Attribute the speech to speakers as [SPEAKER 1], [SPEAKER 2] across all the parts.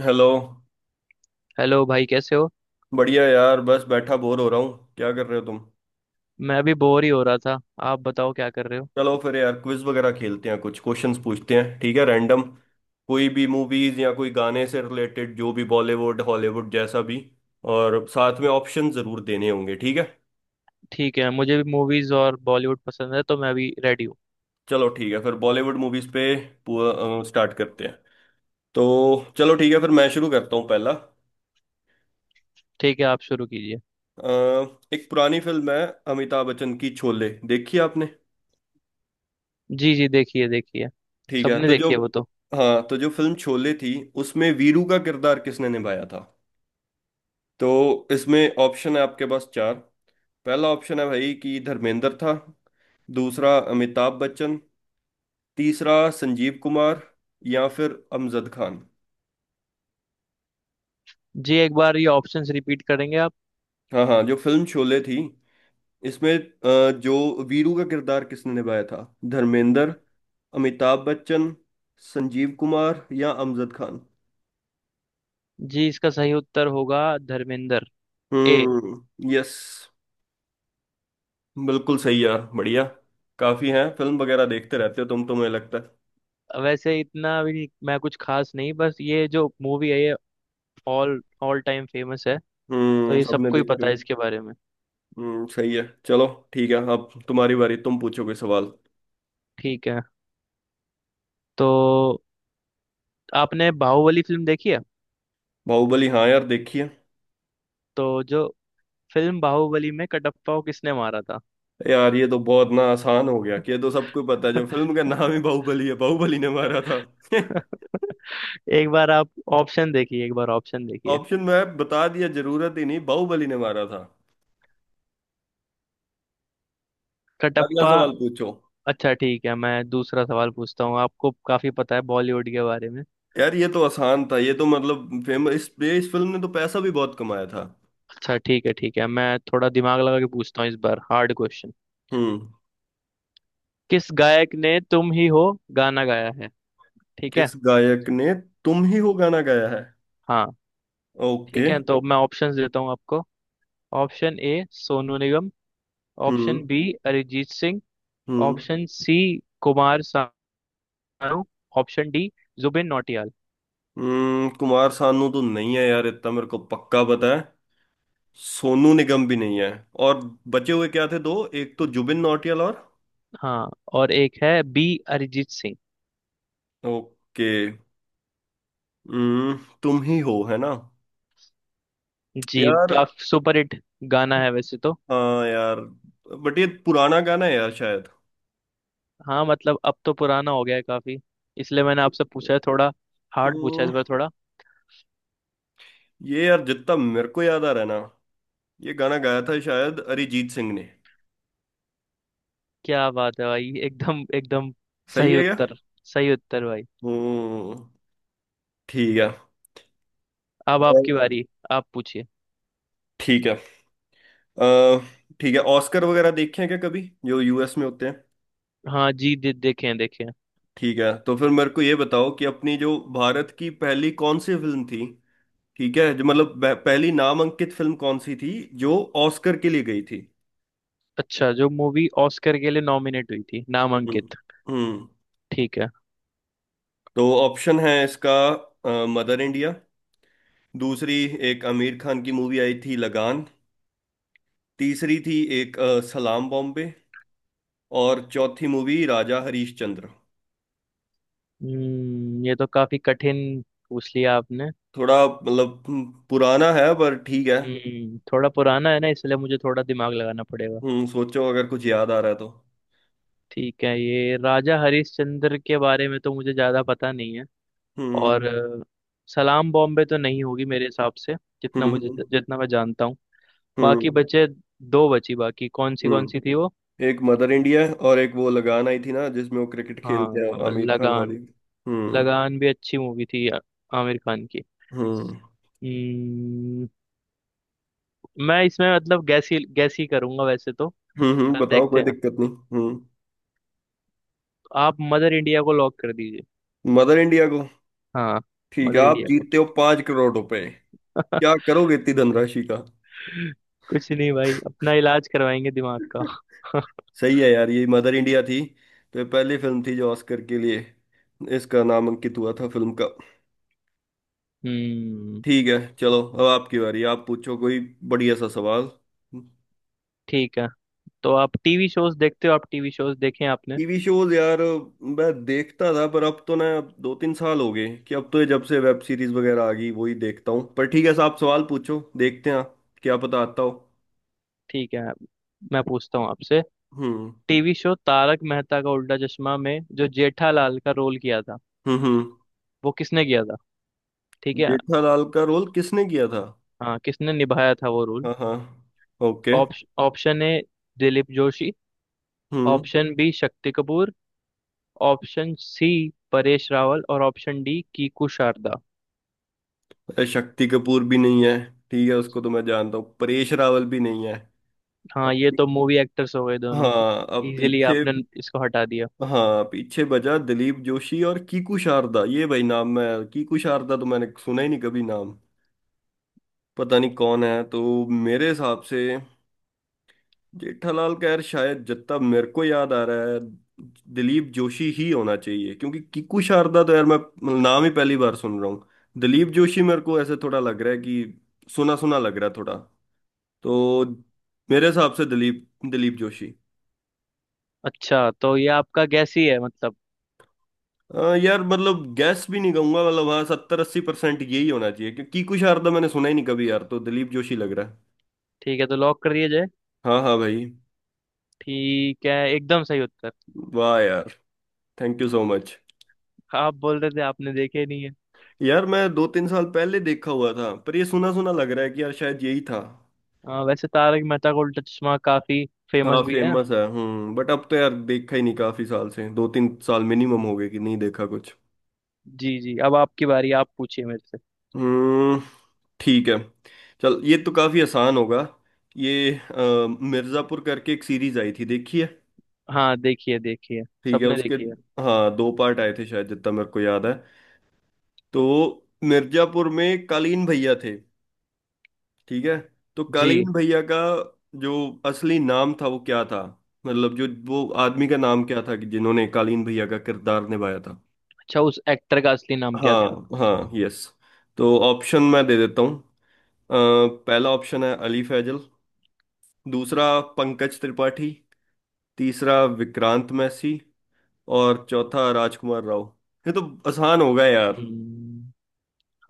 [SPEAKER 1] Hello.
[SPEAKER 2] Hello भाई कैसे हो।
[SPEAKER 1] बढ़िया यार, बस बैठा बोर हो रहा हूँ। क्या कर रहे हो तुम?
[SPEAKER 2] मैं अभी बोर ही हो रहा था। आप बताओ क्या कर रहे हो।
[SPEAKER 1] चलो फिर यार, क्विज वगैरह खेलते हैं, कुछ क्वेश्चंस पूछते हैं, ठीक है? रैंडम कोई भी मूवीज या कोई गाने से रिलेटेड, जो भी बॉलीवुड हॉलीवुड जैसा भी। और साथ में ऑप्शन जरूर देने होंगे, ठीक है?
[SPEAKER 2] ठीक है, मुझे भी मूवीज और बॉलीवुड पसंद है तो मैं अभी रेडी हूँ।
[SPEAKER 1] चलो ठीक है, फिर बॉलीवुड मूवीज पे स्टार्ट करते हैं। तो चलो ठीक है, फिर मैं शुरू करता हूँ पहला।
[SPEAKER 2] ठीक है, आप शुरू कीजिए।
[SPEAKER 1] अ, एक पुरानी फिल्म है अमिताभ बच्चन की, शोले देखी आपने?
[SPEAKER 2] जी जी, देखिए देखिए।
[SPEAKER 1] ठीक है,
[SPEAKER 2] सबने
[SPEAKER 1] तो जो...
[SPEAKER 2] देखी है वो तो।
[SPEAKER 1] हाँ, तो जो फिल्म शोले थी उसमें वीरू का किरदार किसने निभाया था? तो इसमें ऑप्शन है आपके पास चार। पहला ऑप्शन है भाई कि धर्मेंद्र था, दूसरा अमिताभ बच्चन, तीसरा संजीव कुमार, या फिर अमजद खान।
[SPEAKER 2] जी, एक बार ये ऑप्शंस रिपीट करेंगे आप।
[SPEAKER 1] हाँ हाँ, जो फिल्म शोले थी, इसमें जो वीरू का किरदार किसने निभाया था? धर्मेंद्र, अमिताभ बच्चन, संजीव कुमार या अमजद खान।
[SPEAKER 2] जी, इसका सही उत्तर होगा धर्मेंद्र। ए।
[SPEAKER 1] हम्म। यस, बिल्कुल सही यार, बढ़िया। काफी हैं, फिल्म वगैरह देखते रहते हो तुम तो मुझे लगता है।
[SPEAKER 2] वैसे इतना भी नहीं- मैं कुछ खास नहीं, बस ये जो मूवी है ये ऑल ऑल टाइम फेमस है। तो
[SPEAKER 1] हम्म,
[SPEAKER 2] ये
[SPEAKER 1] सबने
[SPEAKER 2] सबको ही
[SPEAKER 1] देखी
[SPEAKER 2] पता है
[SPEAKER 1] हुई।
[SPEAKER 2] इसके बारे में।
[SPEAKER 1] हम्म, सही है। चलो ठीक है, अब तुम्हारी बारी, तुम पूछो कोई सवाल।
[SPEAKER 2] ठीक है, तो आपने बाहुबली फिल्म देखी है।
[SPEAKER 1] बाहुबली? हाँ यार, देखी है।
[SPEAKER 2] तो जो फिल्म बाहुबली में कटप्पा को किसने मारा था।
[SPEAKER 1] यार ये तो बहुत ना आसान हो गया, कि ये तो सबको पता है, जो फिल्म का नाम ही बाहुबली है, बाहुबली ने मारा था।
[SPEAKER 2] एक बार आप ऑप्शन देखिए, एक बार ऑप्शन देखिए।
[SPEAKER 1] ऑप्शन में बता दिया, जरूरत ही नहीं, बाहुबली ने मारा था। अगला
[SPEAKER 2] कटप्पा।
[SPEAKER 1] सवाल पूछो।
[SPEAKER 2] अच्छा ठीक है, मैं दूसरा सवाल पूछता हूँ, आपको काफी पता है बॉलीवुड के बारे में।
[SPEAKER 1] यार ये तो आसान था, ये तो मतलब फेमस, इस फिल्म ने तो पैसा भी बहुत कमाया था।
[SPEAKER 2] अच्छा ठीक है ठीक है, मैं थोड़ा दिमाग लगा के पूछता हूँ इस बार, हार्ड क्वेश्चन।
[SPEAKER 1] हम्म।
[SPEAKER 2] किस गायक ने तुम ही हो गाना गाया है। ठीक है।
[SPEAKER 1] किस गायक ने तुम ही हो गाना गाया है?
[SPEAKER 2] हाँ।
[SPEAKER 1] ओके।
[SPEAKER 2] ठीक है, तो मैं ऑप्शंस देता हूँ आपको। Option A Sonu Nigam. Option
[SPEAKER 1] हम्म।
[SPEAKER 2] बी अरिजीत सिंह।
[SPEAKER 1] हम्म।
[SPEAKER 2] Option C Kumar Sanu. Option D Jubin Nautiyal.
[SPEAKER 1] Kumar Sanu तो नहीं है यार, इतना मेरे को पक्का पता है। सोनू निगम भी नहीं है। और बचे हुए क्या थे दो? एक तो जुबिन नौटियाल और...
[SPEAKER 2] हाँ और एक है बी, अरिजीत सिंह।
[SPEAKER 1] ओके। हम्म। तुम ही हो है ना?
[SPEAKER 2] जी,
[SPEAKER 1] यार,
[SPEAKER 2] काफी सुपर हिट गाना है वैसे तो।
[SPEAKER 1] हाँ यार, बट ये पुराना गाना है यार शायद।
[SPEAKER 2] हाँ मतलब अब तो पुराना हो गया है काफी, इसलिए मैंने आपसे पूछा है थोड़ा हार्ड, पूछा है
[SPEAKER 1] हम्म,
[SPEAKER 2] इस बार थोड़ा।
[SPEAKER 1] ये यार जितना मेरे को याद आ रहा है ना, ये गाना गाया था शायद अरिजीत सिंह ने।
[SPEAKER 2] क्या बात है भाई, एकदम एकदम
[SPEAKER 1] सही
[SPEAKER 2] सही
[SPEAKER 1] है क्या?
[SPEAKER 2] उत्तर, सही उत्तर भाई।
[SPEAKER 1] हम्म। ठीक है।
[SPEAKER 2] अब आपकी
[SPEAKER 1] और-
[SPEAKER 2] बारी, आप पूछिए।
[SPEAKER 1] ठीक है। अ, ठीक है, ऑस्कर वगैरह देखे हैं क्या कभी, जो यूएस में होते हैं?
[SPEAKER 2] हाँ जी, देखे हैं देखे हैं।
[SPEAKER 1] ठीक है, तो फिर मेरे को ये बताओ कि अपनी जो भारत की पहली कौन सी फिल्म थी, ठीक है, जो मतलब पहली नामांकित फिल्म कौन सी थी जो ऑस्कर के लिए गई थी?
[SPEAKER 2] अच्छा, जो मूवी ऑस्कर के लिए नॉमिनेट हुई थी,
[SPEAKER 1] हम्म।
[SPEAKER 2] नामांकित।
[SPEAKER 1] हम्म।
[SPEAKER 2] ठीक है।
[SPEAKER 1] तो ऑप्शन है इसका, मदर इंडिया, दूसरी एक आमिर खान की मूवी आई थी लगान, तीसरी थी एक सलाम बॉम्बे, और चौथी मूवी राजा हरीश चंद्र।
[SPEAKER 2] हम्म, ये तो काफी कठिन पूछ लिया आपने।
[SPEAKER 1] थोड़ा मतलब, पुराना है पर ठीक है।
[SPEAKER 2] हम्म, थोड़ा पुराना है ना, इसलिए मुझे थोड़ा दिमाग लगाना पड़ेगा।
[SPEAKER 1] हम्म, सोचो अगर कुछ याद आ रहा है तो।
[SPEAKER 2] ठीक है, ये राजा हरिश्चंद्र के बारे में तो मुझे ज्यादा पता नहीं है। और
[SPEAKER 1] हम्म।
[SPEAKER 2] सलाम बॉम्बे तो नहीं होगी मेरे हिसाब से, जितना
[SPEAKER 1] हम्म।
[SPEAKER 2] मुझे,
[SPEAKER 1] हम्म।
[SPEAKER 2] जितना मैं जानता हूँ। बाकी
[SPEAKER 1] हम्म।
[SPEAKER 2] बचे दो, बची बाकी कौन सी थी
[SPEAKER 1] हम्म।
[SPEAKER 2] वो।
[SPEAKER 1] एक मदर इंडिया है और एक वो लगान आई थी ना जिसमें वो क्रिकेट
[SPEAKER 2] हाँ,
[SPEAKER 1] खेलते हैं, आमिर खान
[SPEAKER 2] लगान।
[SPEAKER 1] वाली। हम्म।
[SPEAKER 2] लगान भी अच्छी मूवी थी आमिर खान की।
[SPEAKER 1] हम्म।
[SPEAKER 2] हम्म, मैं इसमें मतलब गैस ही करूंगा वैसे तो।
[SPEAKER 1] हम्म।
[SPEAKER 2] पर
[SPEAKER 1] बताओ,
[SPEAKER 2] देखते
[SPEAKER 1] कोई
[SPEAKER 2] हैं,
[SPEAKER 1] दिक्कत नहीं। हम्म।
[SPEAKER 2] आप मदर इंडिया को लॉक कर दीजिए।
[SPEAKER 1] मदर इंडिया को?
[SPEAKER 2] हाँ,
[SPEAKER 1] ठीक है,
[SPEAKER 2] मदर
[SPEAKER 1] आप
[SPEAKER 2] इंडिया को।
[SPEAKER 1] जीतते हो 5 करोड़ रुपए। क्या करोगे इतनी धनराशि का?
[SPEAKER 2] कुछ नहीं भाई, अपना इलाज करवाएंगे दिमाग का।
[SPEAKER 1] सही है यार, ये मदर इंडिया थी, तो ये पहली फिल्म थी जो ऑस्कर के लिए इसका नामांकित हुआ था, फिल्म का।
[SPEAKER 2] हम्म।
[SPEAKER 1] ठीक है चलो, अब आपकी बारी, आप पूछो कोई बढ़िया सा सवाल।
[SPEAKER 2] ठीक है, तो आप टीवी शोज देखते हो, आप टीवी शोज देखे हैं आपने।
[SPEAKER 1] TV shows? यार मैं देखता था पर अब तो ना, 2-3 साल हो गए कि अब तो, ये जब से वेब सीरीज वगैरह आ गई वही देखता हूँ। पर ठीक है साहब, सवाल पूछो, देखते हैं आप क्या पता आता हो।
[SPEAKER 2] ठीक है, मैं पूछता हूँ आपसे।
[SPEAKER 1] हम्म।
[SPEAKER 2] टीवी शो तारक मेहता का उल्टा चश्मा में जो जेठालाल का रोल किया था,
[SPEAKER 1] हम्म। हम्म।
[SPEAKER 2] वो किसने किया था। ठीक है।
[SPEAKER 1] जेठालाल का रोल किसने किया था?
[SPEAKER 2] हाँ, किसने निभाया था वो रोल।
[SPEAKER 1] हाँ हाँ। Okay.
[SPEAKER 2] Option A Dilip Joshi.
[SPEAKER 1] हम्म।
[SPEAKER 2] Option B Shakti Kapoor. Option C Paresh Rawal. और ऑप्शन डी कीकू शारदा।
[SPEAKER 1] अरे, शक्ति कपूर भी नहीं है, ठीक है, उसको तो मैं जानता हूँ। परेश रावल भी नहीं है।
[SPEAKER 2] हाँ
[SPEAKER 1] अब...
[SPEAKER 2] ये तो मूवी एक्टर्स हो गए दोनों,
[SPEAKER 1] हाँ, अब
[SPEAKER 2] इजीली
[SPEAKER 1] पीछे...
[SPEAKER 2] आपने इसको हटा दिया।
[SPEAKER 1] हाँ पीछे बजा दिलीप जोशी और कीकू शारदा। ये भाई नाम मैं, कीकू शारदा तो मैंने सुना ही नहीं कभी नाम, पता नहीं कौन है। तो मेरे हिसाब से जेठालाल, खैर शायद जितना मेरे को याद आ रहा है, दिलीप जोशी ही होना चाहिए, क्योंकि कीकू शारदा तो यार मैं नाम ही पहली बार सुन रहा हूँ। दिलीप जोशी मेरे को ऐसे थोड़ा लग रहा है कि सुना सुना लग रहा है थोड़ा। तो मेरे हिसाब से दिलीप दिलीप जोशी।
[SPEAKER 2] अच्छा, तो ये आपका गैस ही है मतलब।
[SPEAKER 1] आ, यार मतलब गैस भी नहीं कहूंगा, मतलब हाँ, 70-80% यही होना चाहिए, क्योंकि कुशार तो मैंने सुना ही नहीं कभी यार, तो दिलीप जोशी लग रहा है।
[SPEAKER 2] ठीक है, तो लॉक कर दिया जाए।
[SPEAKER 1] हाँ हाँ भाई।
[SPEAKER 2] ठीक है, एकदम सही उत्तर।
[SPEAKER 1] वाह यार, थैंक यू सो मच।
[SPEAKER 2] आप बोल रहे थे आपने देखे नहीं है।
[SPEAKER 1] यार मैं 2-3 साल पहले देखा हुआ था, पर ये सुना सुना लग रहा है कि यार शायद यही था।
[SPEAKER 2] हाँ, वैसे तारक मेहता का उल्टा चश्मा काफी फेमस
[SPEAKER 1] हाँ
[SPEAKER 2] भी है।
[SPEAKER 1] फेमस है। हम्म, बट अब तो यार देखा ही नहीं काफी साल से, 2-3 साल मिनिमम हो गए कि नहीं देखा कुछ।
[SPEAKER 2] जी जी, अब आपकी बारी, आप पूछिए मेरे से।
[SPEAKER 1] हम्म। ठीक है। चल, ये तो काफी आसान होगा। ये मिर्जापुर करके एक सीरीज आई थी, देखी है?
[SPEAKER 2] हाँ देखिए देखिए,
[SPEAKER 1] ठीक है
[SPEAKER 2] सबने
[SPEAKER 1] उसके...
[SPEAKER 2] देखी है।
[SPEAKER 1] हाँ, दो पार्ट आए थे शायद, जितना मेरे को याद है। तो मिर्जापुर में कालीन भैया थे, ठीक है। तो
[SPEAKER 2] जी।
[SPEAKER 1] कालीन भैया का जो असली नाम था वो क्या था? मतलब जो वो आदमी का नाम क्या था कि जिन्होंने कालीन भैया का किरदार निभाया था?
[SPEAKER 2] अच्छा, उस एक्टर का असली नाम क्या था।
[SPEAKER 1] हाँ हाँ, यस। तो ऑप्शन मैं दे देता हूँ। अ, पहला ऑप्शन है अली फैजल, दूसरा पंकज त्रिपाठी, तीसरा विक्रांत मैसी और चौथा राजकुमार राव। ये तो आसान होगा यार।
[SPEAKER 2] हम्म,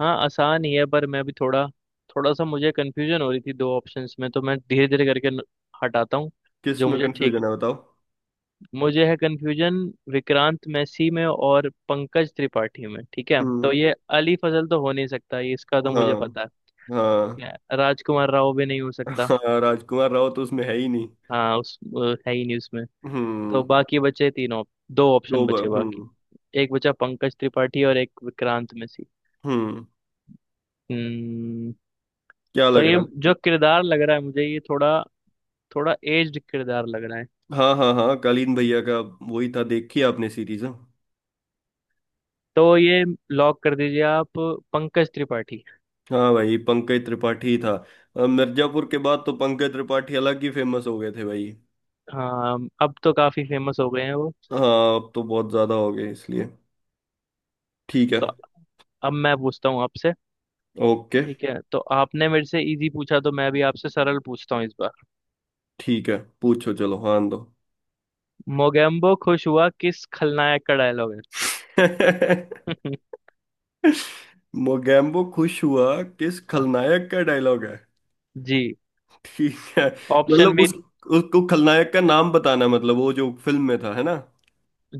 [SPEAKER 2] हाँ आसान ही है, पर मैं भी थोड़ा, थोड़ा सा मुझे कंफ्यूजन हो रही थी दो ऑप्शंस में, तो मैं धीरे धीरे करके हटाता हूँ।
[SPEAKER 1] किस
[SPEAKER 2] जो
[SPEAKER 1] में
[SPEAKER 2] मुझे ठीक
[SPEAKER 1] कंफ्यूजन है बताओ?
[SPEAKER 2] मुझे है कंफ्यूजन विक्रांत मैसी में और पंकज त्रिपाठी में। ठीक है,
[SPEAKER 1] हम्म।
[SPEAKER 2] तो ये अली फजल तो हो नहीं सकता, ये इसका तो मुझे
[SPEAKER 1] हाँ।
[SPEAKER 2] पता है। ठीक
[SPEAKER 1] हाँ।
[SPEAKER 2] है, राजकुमार राव भी नहीं हो सकता।
[SPEAKER 1] हाँ, राजकुमार राव तो उसमें है ही नहीं।
[SPEAKER 2] हाँ, उस वो है ही नहीं उसमें। तो
[SPEAKER 1] हम्म।
[SPEAKER 2] बाकी बचे तीन ऑप दो ऑप्शन
[SPEAKER 1] दो बार
[SPEAKER 2] बचे बाकी।
[SPEAKER 1] हम्म।
[SPEAKER 2] एक बचा पंकज त्रिपाठी और एक विक्रांत मैसी।
[SPEAKER 1] हम्म।
[SPEAKER 2] हम्म।
[SPEAKER 1] क्या
[SPEAKER 2] तो
[SPEAKER 1] लग
[SPEAKER 2] ये
[SPEAKER 1] रहा?
[SPEAKER 2] जो किरदार लग रहा है मुझे, ये थोड़ा, थोड़ा एज्ड किरदार लग रहा है।
[SPEAKER 1] हाँ हाँ हाँ, कालीन भैया का वही था, देखी आपने सीरीज? हाँ,
[SPEAKER 2] तो ये लॉक कर दीजिए आप, पंकज त्रिपाठी।
[SPEAKER 1] हाँ भाई, पंकज त्रिपाठी था। मिर्जापुर के बाद तो पंकज त्रिपाठी अलग ही फेमस हो गए थे भाई।
[SPEAKER 2] हाँ, अब तो काफी फेमस हो गए हैं वो।
[SPEAKER 1] हाँ अब तो बहुत ज्यादा हो गए, इसलिए ठीक है।
[SPEAKER 2] तो अब मैं पूछता हूँ आपसे।
[SPEAKER 1] ओके।
[SPEAKER 2] ठीक है, तो आपने मेरे से इजी पूछा तो मैं भी आपसे सरल पूछता हूँ इस बार।
[SPEAKER 1] ठीक है पूछो चलो, हाँ दो।
[SPEAKER 2] मोगेम्बो खुश हुआ किस खलनायक का डायलॉग है।
[SPEAKER 1] मोगैम्बो खुश हुआ किस खलनायक का डायलॉग है?
[SPEAKER 2] जी।
[SPEAKER 1] ठीक है,
[SPEAKER 2] ऑप्शन
[SPEAKER 1] मतलब
[SPEAKER 2] भी।
[SPEAKER 1] उस... उसको खलनायक का नाम बताना है, मतलब वो जो फिल्म में था है ना?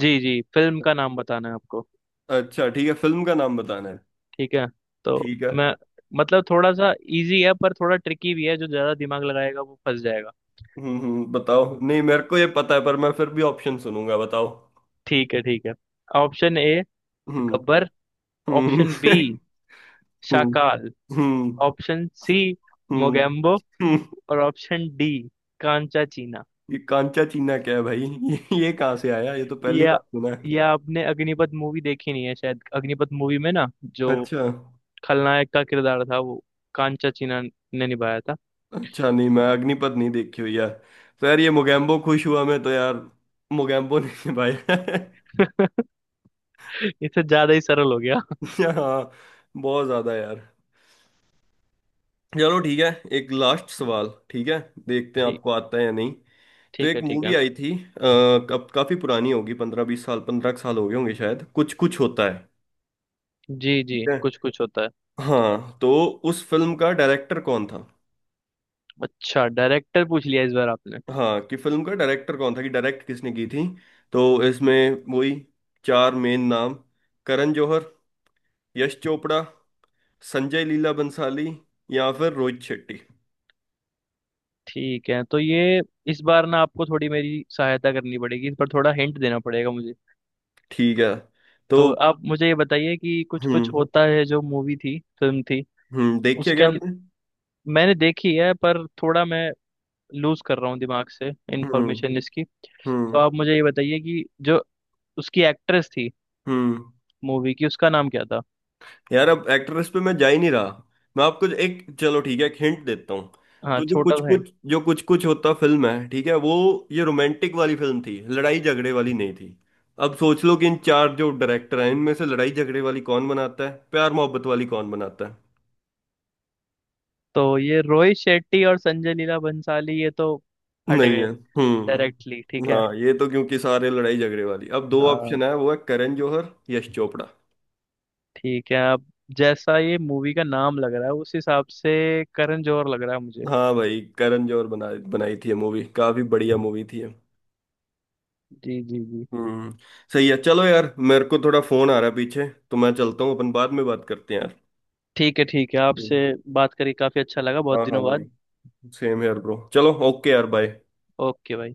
[SPEAKER 2] जी जी, फिल्म का नाम बताना है आपको।
[SPEAKER 1] अच्छा ठीक है, फिल्म का नाम बताना है।
[SPEAKER 2] ठीक है, तो
[SPEAKER 1] ठीक है।
[SPEAKER 2] मैं, मतलब थोड़ा सा इजी है पर थोड़ा ट्रिकी भी है, जो ज्यादा दिमाग लगाएगा वो फंस जाएगा।
[SPEAKER 1] हम्म, बताओ, नहीं मेरे को ये पता है पर मैं फिर भी ऑप्शन सुनूंगा, बताओ।
[SPEAKER 2] ठीक है ठीक है। ऑप्शन ए
[SPEAKER 1] हम्म।
[SPEAKER 2] गब्बर।
[SPEAKER 1] हम्म।
[SPEAKER 2] ऑप्शन बी
[SPEAKER 1] हम्म।
[SPEAKER 2] शाकाल।
[SPEAKER 1] हम्म।
[SPEAKER 2] ऑप्शन सी
[SPEAKER 1] हम्म।
[SPEAKER 2] मोगेम्बो।
[SPEAKER 1] हम्म।
[SPEAKER 2] और ऑप्शन डी कांचा चीना।
[SPEAKER 1] ये कांचा चीना क्या है भाई ये कहाँ से आया, ये तो पहली
[SPEAKER 2] या
[SPEAKER 1] बार सुना है।
[SPEAKER 2] या आपने अग्निपथ मूवी देखी नहीं है शायद, अग्निपथ मूवी में ना, जो
[SPEAKER 1] अच्छा।
[SPEAKER 2] खलनायक का किरदार था वो कांचा चीना ने निभाया था।
[SPEAKER 1] अच्छा, नहीं मैं अग्निपथ नहीं देखी हुई यार। तो यार ये मोगैम्बो खुश हुआ, मैं तो यार मोगैम्बो नहीं भाई।
[SPEAKER 2] इससे ज्यादा ही सरल हो गया।
[SPEAKER 1] हाँ, बहुत ज्यादा यार। चलो ठीक है, एक लास्ट सवाल, ठीक है, देखते हैं
[SPEAKER 2] ठीक
[SPEAKER 1] आपको आता है या नहीं। तो
[SPEAKER 2] ठीक है
[SPEAKER 1] एक
[SPEAKER 2] ठीक है।
[SPEAKER 1] मूवी आई थी, आ, कब? काफी पुरानी होगी, 15-20 साल, 15 साल हो गए होंगे शायद, कुछ कुछ होता है।
[SPEAKER 2] जी
[SPEAKER 1] ठीक
[SPEAKER 2] जी,
[SPEAKER 1] है।
[SPEAKER 2] कुछ कुछ होता है।
[SPEAKER 1] हाँ तो उस फिल्म का डायरेक्टर कौन था?
[SPEAKER 2] अच्छा, डायरेक्टर पूछ लिया इस बार आपने।
[SPEAKER 1] हाँ, कि फिल्म का डायरेक्टर कौन था, कि डायरेक्ट किसने की थी? तो इसमें वही चार मेन नाम, करण जौहर, यश चोपड़ा, संजय लीला बंसाली या फिर रोहित शेट्टी।
[SPEAKER 2] ठीक है, तो ये इस बार ना आपको थोड़ी मेरी सहायता करनी पड़ेगी, इस बार थोड़ा हिंट देना पड़ेगा मुझे।
[SPEAKER 1] ठीक है तो...
[SPEAKER 2] तो आप मुझे ये बताइए कि कुछ
[SPEAKER 1] हम्म।
[SPEAKER 2] कुछ होता है जो मूवी थी, फिल्म थी
[SPEAKER 1] हम्म, देखिए
[SPEAKER 2] उसके
[SPEAKER 1] क्या
[SPEAKER 2] अंदर,
[SPEAKER 1] आपने?
[SPEAKER 2] मैंने देखी है पर थोड़ा मैं लूज कर रहा हूँ दिमाग से
[SPEAKER 1] हम्म।
[SPEAKER 2] इंफॉर्मेशन इसकी। तो
[SPEAKER 1] हम्म।
[SPEAKER 2] आप मुझे ये बताइए कि जो उसकी एक्ट्रेस थी
[SPEAKER 1] हम्म।
[SPEAKER 2] मूवी की, उसका नाम क्या था।
[SPEAKER 1] यार अब एक्ट्रेस पे मैं जा ही नहीं रहा। मैं आपको एक, चलो ठीक है, एक हिंट देता हूँ।
[SPEAKER 2] हाँ,
[SPEAKER 1] तो जो
[SPEAKER 2] छोटा
[SPEAKER 1] कुछ
[SPEAKER 2] सा hint।
[SPEAKER 1] कुछ जो कुछ कुछ होता फिल्म है ठीक है वो, ये रोमांटिक वाली फिल्म थी, लड़ाई झगड़े वाली नहीं थी। अब सोच लो कि इन चार जो डायरेक्टर हैं, इनमें से लड़ाई झगड़े वाली कौन बनाता है, प्यार मोहब्बत वाली कौन बनाता है?
[SPEAKER 2] तो ये रोहित शेट्टी और संजय लीला बंसाली ये तो हट
[SPEAKER 1] नहीं
[SPEAKER 2] गए
[SPEAKER 1] है।
[SPEAKER 2] डायरेक्टली।
[SPEAKER 1] हम्म।
[SPEAKER 2] ठीक है।
[SPEAKER 1] हाँ, ये तो क्योंकि सारे लड़ाई झगड़े वाली, अब दो
[SPEAKER 2] हाँ
[SPEAKER 1] ऑप्शन है वो है करण जौहर, यश चोपड़ा।
[SPEAKER 2] ठीक है, अब जैसा ये मूवी का नाम लग रहा है उस हिसाब से करण जौहर लग रहा है मुझे।
[SPEAKER 1] हाँ भाई, करण जौहर बना बनाई थी मूवी, काफी बढ़िया मूवी थी ये।
[SPEAKER 2] जी जी जी।
[SPEAKER 1] हम्म। सही है चलो यार, मेरे को थोड़ा फोन आ रहा है पीछे, तो मैं चलता हूँ, अपन बाद में बात करते हैं यार।
[SPEAKER 2] ठीक है ठीक है,
[SPEAKER 1] हम्म।
[SPEAKER 2] आपसे बात करके काफी अच्छा लगा बहुत
[SPEAKER 1] हाँ हाँ
[SPEAKER 2] दिनों
[SPEAKER 1] भाई।
[SPEAKER 2] बाद।
[SPEAKER 1] सेम यार ब्रो, चलो ओके यार, बाय।
[SPEAKER 2] ओके भाई।